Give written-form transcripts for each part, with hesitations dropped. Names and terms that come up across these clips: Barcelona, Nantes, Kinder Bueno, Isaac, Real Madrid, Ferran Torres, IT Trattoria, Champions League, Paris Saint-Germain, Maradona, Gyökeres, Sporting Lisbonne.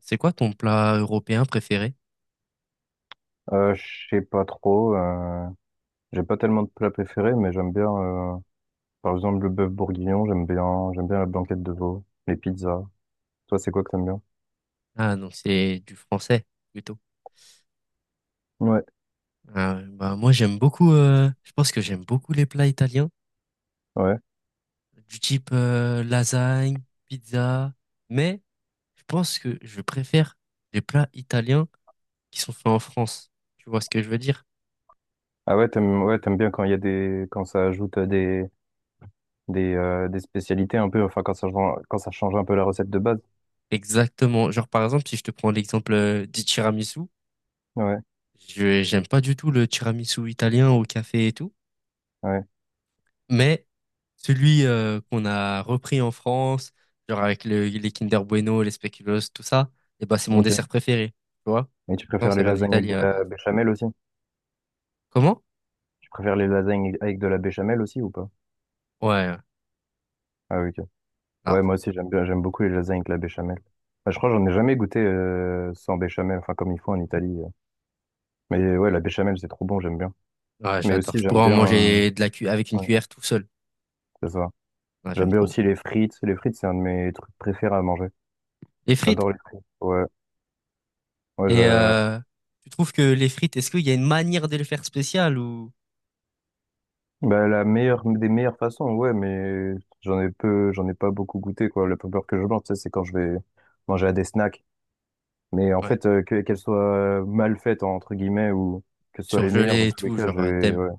C'est quoi ton plat européen préféré? Je sais pas trop. J'ai pas tellement de plats préférés, mais j'aime bien, par exemple, le bœuf bourguignon. J'aime bien la blanquette de veau, les pizzas. Toi, c'est quoi que t'aimes bien? Ah, donc c'est du français plutôt. Ouais, Ah, bah, moi j'aime beaucoup, je pense que j'aime beaucoup les plats italiens, ouais. du type lasagne, pizza, mais je pense que je préfère les plats italiens qui sont faits en France. Tu vois ce que je veux dire? Ah ouais, t'aimes bien quand il y a quand ça ajoute des spécialités un peu. Enfin, quand ça change un peu la recette de base. Exactement. Genre par exemple, si je te prends l'exemple du tiramisu, Ouais, je j'aime pas du tout le tiramisu italien au café et tout. ouais. Mais celui qu'on a repris en France, genre avec les Kinder Bueno, les spéculoos, tout ça, et ben c'est mon Ok. dessert préféré, tu vois? Et tu Non, préfères ça les vient de lasagnes avec l'Italie de à la la base. béchamel aussi? Comment? Tu préfères les lasagnes avec de la béchamel aussi ou pas? Ouais, ouais. Ah oui, ok. Ouais, Ah, moi aussi, j'aime beaucoup les lasagnes avec la béchamel. Bah, je crois que j'en ai jamais goûté sans béchamel, enfin comme ils font en Italie. Mais ouais, la béchamel, c'est trop bon, j'aime bien. ouais, Mais j'adore. aussi, Je j'aime pourrais en bien, manger de euh, la cu avec une ouais, cuillère tout seul. c'est ça. Ah, j'aime J'aime bien trop. aussi les frites. Les frites, c'est un de mes trucs préférés à manger. Les frites. J'adore les frites. Ouais, ouais, Et je- tu trouves que les frites, est-ce qu'il y a une manière de les faire spéciales ou Bah, la meilleure des meilleures façons, ouais, mais j'en ai pas beaucoup goûté quoi. La peur que je mange, tu sais, c'est quand je vais manger à des snacks. Mais en ouais, fait, qu'elles soient mal faites entre guillemets ou que ce soit les meilleures, dans surgelées et tous les tout, cas, genre je vais, ouais.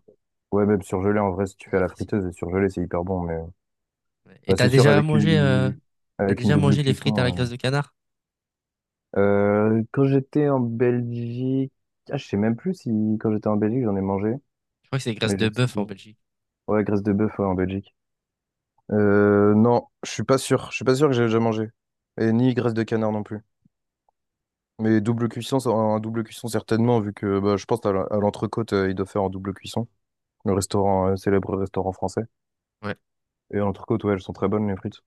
Ouais, même surgelé, en vrai, si tu c'est fais à la difficile. friteuse et surgelé, c'est hyper bon. Mais Ouais. Et bah, c'est sûr, t'as avec une déjà double mangé les frites à la graisse cuisson. de canard? Quand j'étais en Belgique, ah, je sais même plus si quand j'étais en Belgique, j'en ai mangé, Je crois que c'est graisse mais je de sais bœuf plus. en Belgique. Ouais, graisse de bœuf, ouais, en Belgique. Non, je suis pas sûr. Je suis pas sûr que j'ai déjà mangé. Et ni graisse de canard non plus. Mais double cuisson, un double cuisson certainement, vu que bah, je pense à l'entrecôte, il doit faire en double cuisson. Le restaurant, célèbre restaurant français. Ouais. Et l'entrecôte, ouais, elles sont très bonnes, les frites.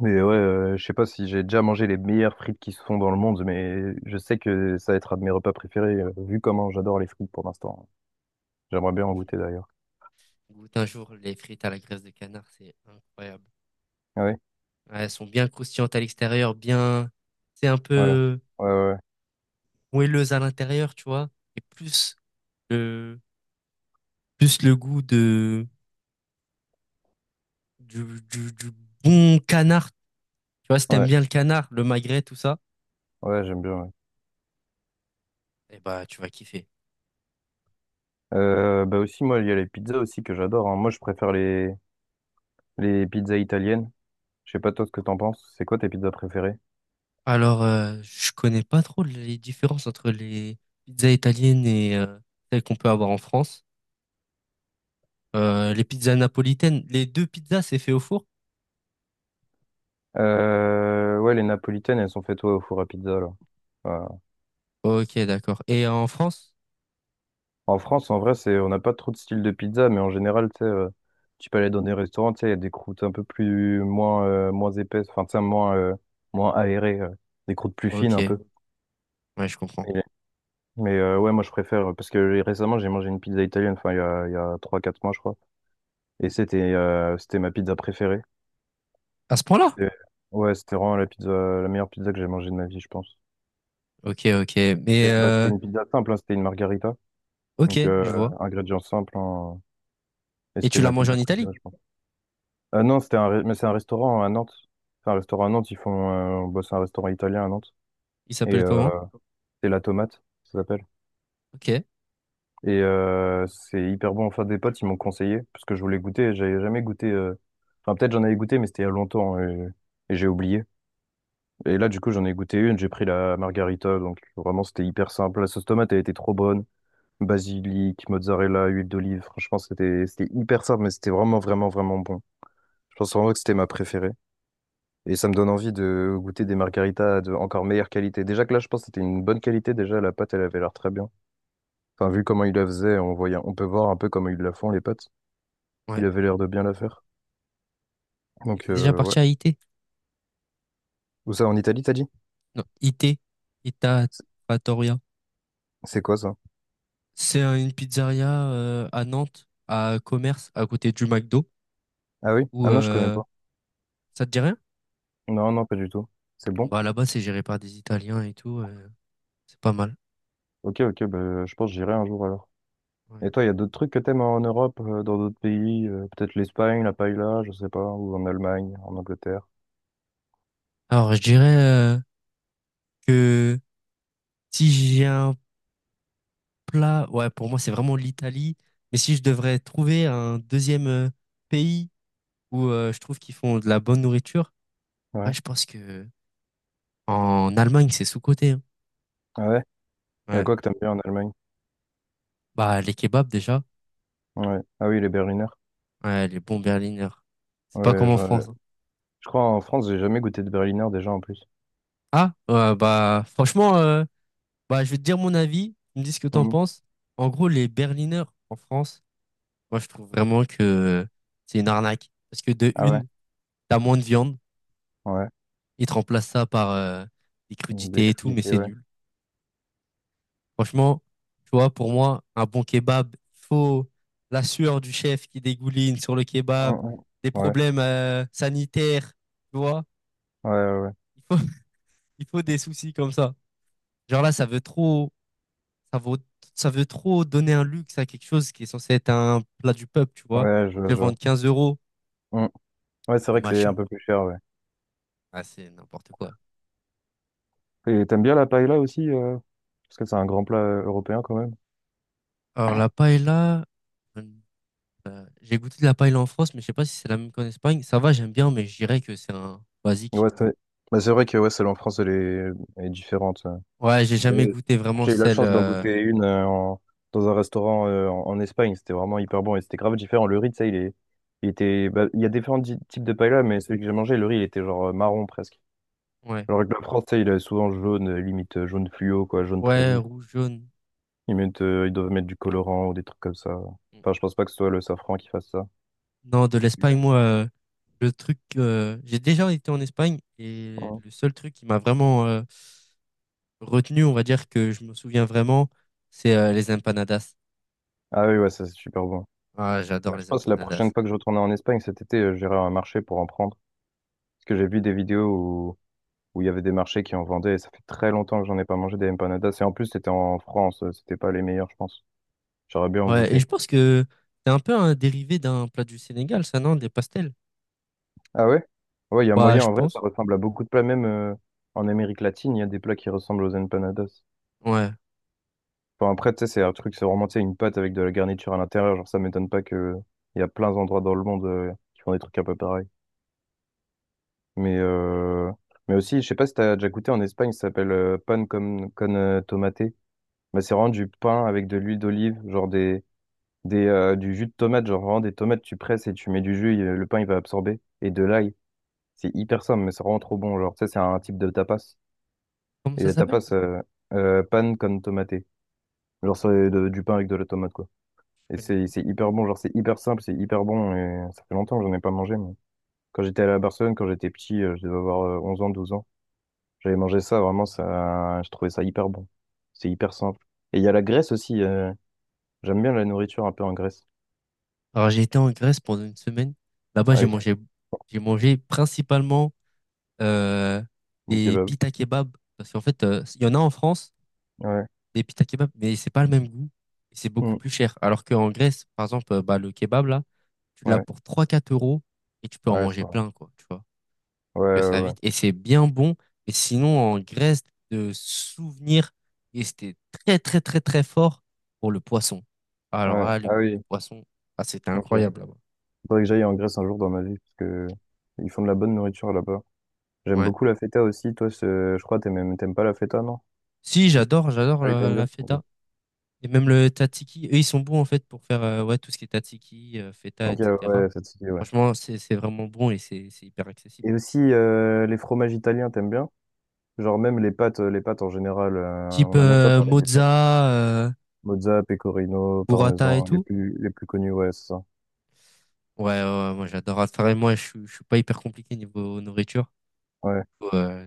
Mais ouais, je sais pas si j'ai déjà mangé les meilleures frites qui se font dans le monde, mais je sais que ça va être un de mes repas préférés, vu comment j'adore les frites pour l'instant. J'aimerais Ah, bien en franchement, goûter d'ailleurs. goûte un jour les frites à la graisse de canard, c'est incroyable. Ah oui? Ouais, elles sont bien croustillantes à l'extérieur, bien, c'est un Ouais, ouais, peu ouais, moelleuse à l'intérieur, tu vois. Et le, plus le goût du, du bon canard. Tu vois, si ouais, t'aimes ouais, bien le canard, le magret, tout ça, ouais, ouais, j'aime bien. Ouais. eh bah, tu vas kiffer. Bah aussi, moi, il y a les pizzas aussi que j'adore, hein. Moi, je préfère les pizzas italiennes. Je sais pas toi ce que t'en penses. C'est quoi tes pizzas préférées? Alors, je connais pas trop les différences entre les pizzas italiennes et celles qu'on peut avoir en France. Les pizzas napolitaines, les deux pizzas, c'est fait au four. Ouais, les napolitaines, elles sont faites ouais, au four à pizza là. Voilà. Ok, d'accord. Et en France? En France, en vrai, c'est on n'a pas trop de style de pizza, mais en général, tu sais, tu peux aller dans des restaurants, tu sais, il y a des croûtes un peu plus moins moins épaisses, enfin, tu sais, moins aérées, des croûtes plus fines Ok, un ouais, peu. je comprends. Mais ouais, moi je préfère, parce que récemment j'ai mangé une pizza italienne, enfin il y a trois quatre mois je crois, et c'était ma pizza préférée. À ce point-là? C'était- Ouais, c'était vraiment la meilleure pizza que j'ai mangée de ma vie, je pense. Ok, ok. Et Mais bah, c'était une pizza simple, hein, c'était une margarita, donc ok, euh, je vois. ingrédients simples, hein, et Et c'était tu l'as ma mangé pizza en Italie? préférée, je pense. Ah non, mais c'est un restaurant à Nantes. C'est un restaurant à Nantes, ils font, bah, c'est un restaurant italien à Nantes, Il et s'appelle comment? c'est La Tomate, ça s'appelle. Ok, Et c'est hyper bon. Enfin, des potes, ils m'ont conseillé parce que je voulais goûter. J'avais jamais goûté. Enfin, peut-être j'en avais goûté, mais c'était il y a longtemps hein, et j'ai oublié. Et là, du coup, j'en ai goûté une. J'ai pris la margarita. Donc, vraiment, c'était hyper simple. La sauce tomate, elle était trop bonne. Basilic, mozzarella, huile d'olive. Franchement, c'était hyper simple, mais c'était vraiment bon. Je pense vraiment que c'était ma préférée. Et ça me donne envie de goûter des margaritas de encore meilleure qualité. Déjà que là, je pense que c'était une bonne qualité. Déjà, la pâte, elle avait l'air très bien. Enfin, vu comment ils la faisaient, on peut voir un peu comment ils la font, les pâtes. Il ouais. avait l'air de bien la faire. Et Donc, t'es déjà ouais. parti à IT? Où ça, en Italie, t'as dit? Non, IT, Ita C'est Trattoria. c'est quoi ça? C'est une pizzeria à Nantes, à Commerce, à côté du McDo. Ah oui? Où Ah non, je connais pas. ça te dit rien? Non, non, pas du tout. C'est bon? Bah là-bas, c'est géré par des Italiens et tout. C'est pas mal. Ok, ok, bah, je pense que j'irai un jour alors. Et Ouais. toi, il y a d'autres trucs que t'aimes en Europe, dans d'autres pays? Peut-être l'Espagne, la paella, je sais pas, ou en Allemagne, en Angleterre? Alors, je dirais que si j'ai un plat, ouais, pour moi, c'est vraiment l'Italie. Mais si je devrais trouver un deuxième pays où je trouve qu'ils font de la bonne nourriture, ouais, Ouais. je pense que en Allemagne, c'est sous-coté, hein. Ouais, il y a Ouais. quoi que t'aimes bien en Allemagne? Bah, les kebabs déjà, Ouais. Ah oui, les Berliner. ouais, les bons Berliner. C'est pas comme Ouais, en je, France, hein. je crois en France, j'ai jamais goûté de Berliner déjà en plus. Ah, ouais, bah, franchement, bah, je vais te dire mon avis. Tu me dis ce que t'en Mhm. penses. En gros, les Berliners en France, moi, je trouve vraiment que c'est une arnaque. Parce que de Ah ouais, une, t'as moins de viande. ouais. Ils te remplacent ça par des Une bière crudités et tout, mais crudité, c'est ouais. nul. Franchement, tu vois, pour moi, un bon kebab, il faut la sueur du chef qui dégouline sur le kebab, Mhm. des Ouais, problèmes sanitaires, tu vois. ouais, ouais. Il faut, il faut des soucis comme ça. Genre là, ça veut trop, ça vaut, ça veut trop donner un luxe à quelque chose qui est censé être un plat du peuple, tu Ouais, vois. ouais, je Ils vois, te le je vois. vendent 15 euros, Mhm. Ouais, c'est le vrai que c'est un machin. peu plus cher, ouais. Ah, c'est n'importe quoi. Et t'aimes bien la paella aussi, parce que c'est un grand plat européen quand même. Alors la paella, hum, j'ai goûté de la paella en France, mais je sais pas si c'est la même qu'en Espagne. Ça va, j'aime bien, mais je dirais que c'est un basique. Ouais, c'est bah, c'est vrai que ouais, celle en France, elle est différente. Ouais, j'ai jamais Euh, goûté vraiment J'ai eu la celle. chance d'en goûter une dans un restaurant en Espagne. C'était vraiment hyper bon et c'était grave différent. Le riz, tu sais, il est, Il était, bah, il y a différents types de paella, mais celui que j'ai mangé, le riz, il était marron presque. Ouais. Alors que la France, tu sais, il est souvent jaune, limite jaune fluo, quoi, jaune très Ouais, vif. rouge, jaune. Ils doivent mettre du colorant ou des trucs comme ça. Enfin, je pense pas que ce soit le safran qui fasse ça. Non, de Yeah. l'Espagne, moi, le truc. J'ai déjà été en Espagne et Ouais. le seul truc qui m'a vraiment retenu, on va dire que je me souviens vraiment, c'est les empanadas. Ah oui, ouais, ça c'est super bon. Ah, j'adore Bah, je les pense que la prochaine empanadas. fois que je retournerai en Espagne cet été, j'irai à un marché pour en prendre. Parce que j'ai vu des vidéos où il y avait des marchés qui en vendaient. Et ça fait très longtemps que j'en ai pas mangé des empanadas. Et en plus, c'était en France, c'était pas les meilleurs, je pense. J'aurais bien en Ouais, et goûter. je pense que c'est un peu un dérivé d'un plat du Sénégal, ça, non? Des pastels? Ah ouais? Ouais, il y a Bah, moyen. je En vrai, ça pense. ressemble à beaucoup de plats. Même en Amérique latine, il y a des plats qui ressemblent aux empanadas. Ouais. Enfin, après, tu sais, c'est vraiment, tu sais, une pâte avec de la garniture à l'intérieur. Genre, ça m'étonne pas que il y a plein d'endroits dans le monde qui font des trucs un peu pareils. Mais, euh, mais aussi, je sais pas si t'as déjà goûté en Espagne, ça s'appelle pan con tomate. Bah, c'est vraiment du pain avec de l'huile d'olive, genre du jus de tomate, genre vraiment des tomates, tu presses et tu mets du jus, le pain il va absorber. Et de l'ail, c'est hyper simple, mais c'est vraiment trop bon. Genre, ça, c'est un type de tapas. Comment Et ça la s'appelle? tapas, pan con tomate. Ok, Genre, je du pain avec de la tomate, quoi. Et connais c'est pas. c'est hyper bon, genre, c'est hyper simple, c'est hyper bon. Et ça fait longtemps que j'en ai pas mangé, mais quand j'étais à la Barcelone, quand j'étais petit, je devais avoir 11 ans, 12 ans, j'avais mangé ça, vraiment, ça, je trouvais ça hyper bon. C'est hyper simple. Et il y a la Grèce aussi, j'aime bien la nourriture un peu en Grèce. Alors, j'ai été en Grèce pendant une semaine. Là-bas, Ah oui, j'ai mangé principalement euh, mon des kebab. pita kebab. Parce qu'en fait, il y en a en France, Ouais. des pita kebab, mais c'est pas le même goût et c'est beaucoup Mm. plus cher. Alors qu'en Grèce, par exemple, bah, le kebab, là, tu l'as Ouais. pour trois quatre euros et tu peux en Ouais, c'est manger vrai. plein, quoi, tu vois. Ouais, Que ça ouais, va ouais. vite et c'est bien bon. Et sinon, en Grèce, de souvenirs et c'était très, très, très, très fort pour le poisson. Alors Ouais. là, les, Ah les oui, poissons, ah, c'était ok. incroyable là-bas. Faudrait que j'aille en Grèce un jour dans ma vie, parce que ils font de la bonne nourriture là-bas. J'aime Ouais. beaucoup la feta aussi. Je crois, t'aimes pas la feta, non? Si, Je sais pas si- j'adore, j'adore Ah oui, t'aimes la bien. Ok, feta. Et même le tataki, eux, ils sont bons en fait pour faire ouais, tout ce qui est tataki, feta, ok, etc. ouais, ça te dit, ouais. Franchement, c'est vraiment bon et c'est hyper Et accessible. aussi, les fromages italiens, t'aimes bien? Genre même les pâtes en général, Type on n'a même pas parlé des pâtes. mozza, euh, Mozza, pecorino, burrata et parmesan, tout. Les plus connus, ouais, c'est ça. Ouais, ouais, ouais, moi j'adore. Enfin, et moi, je suis pas hyper compliqué niveau nourriture. Ouais. Euh,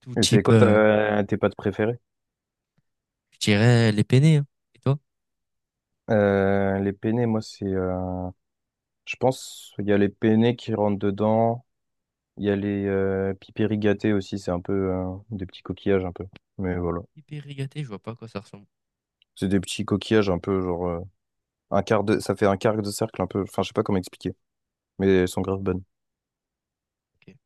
Tout Et c'est type, quoi tes pâtes préférées? je dirais les penne, hein. Et toi? Les penne, moi, c'est... Je pense il y a les penne qui rentrent dedans. Il y a les pipéri aussi, c'est un peu des petits coquillages un peu. Mais voilà. Hyper rigaté, je vois pas à quoi ça ressemble. C'est des petits coquillages un peu un quart de ça fait un quart de cercle un peu. Enfin, je sais pas comment expliquer, mais elles sont grave bonnes. Ok.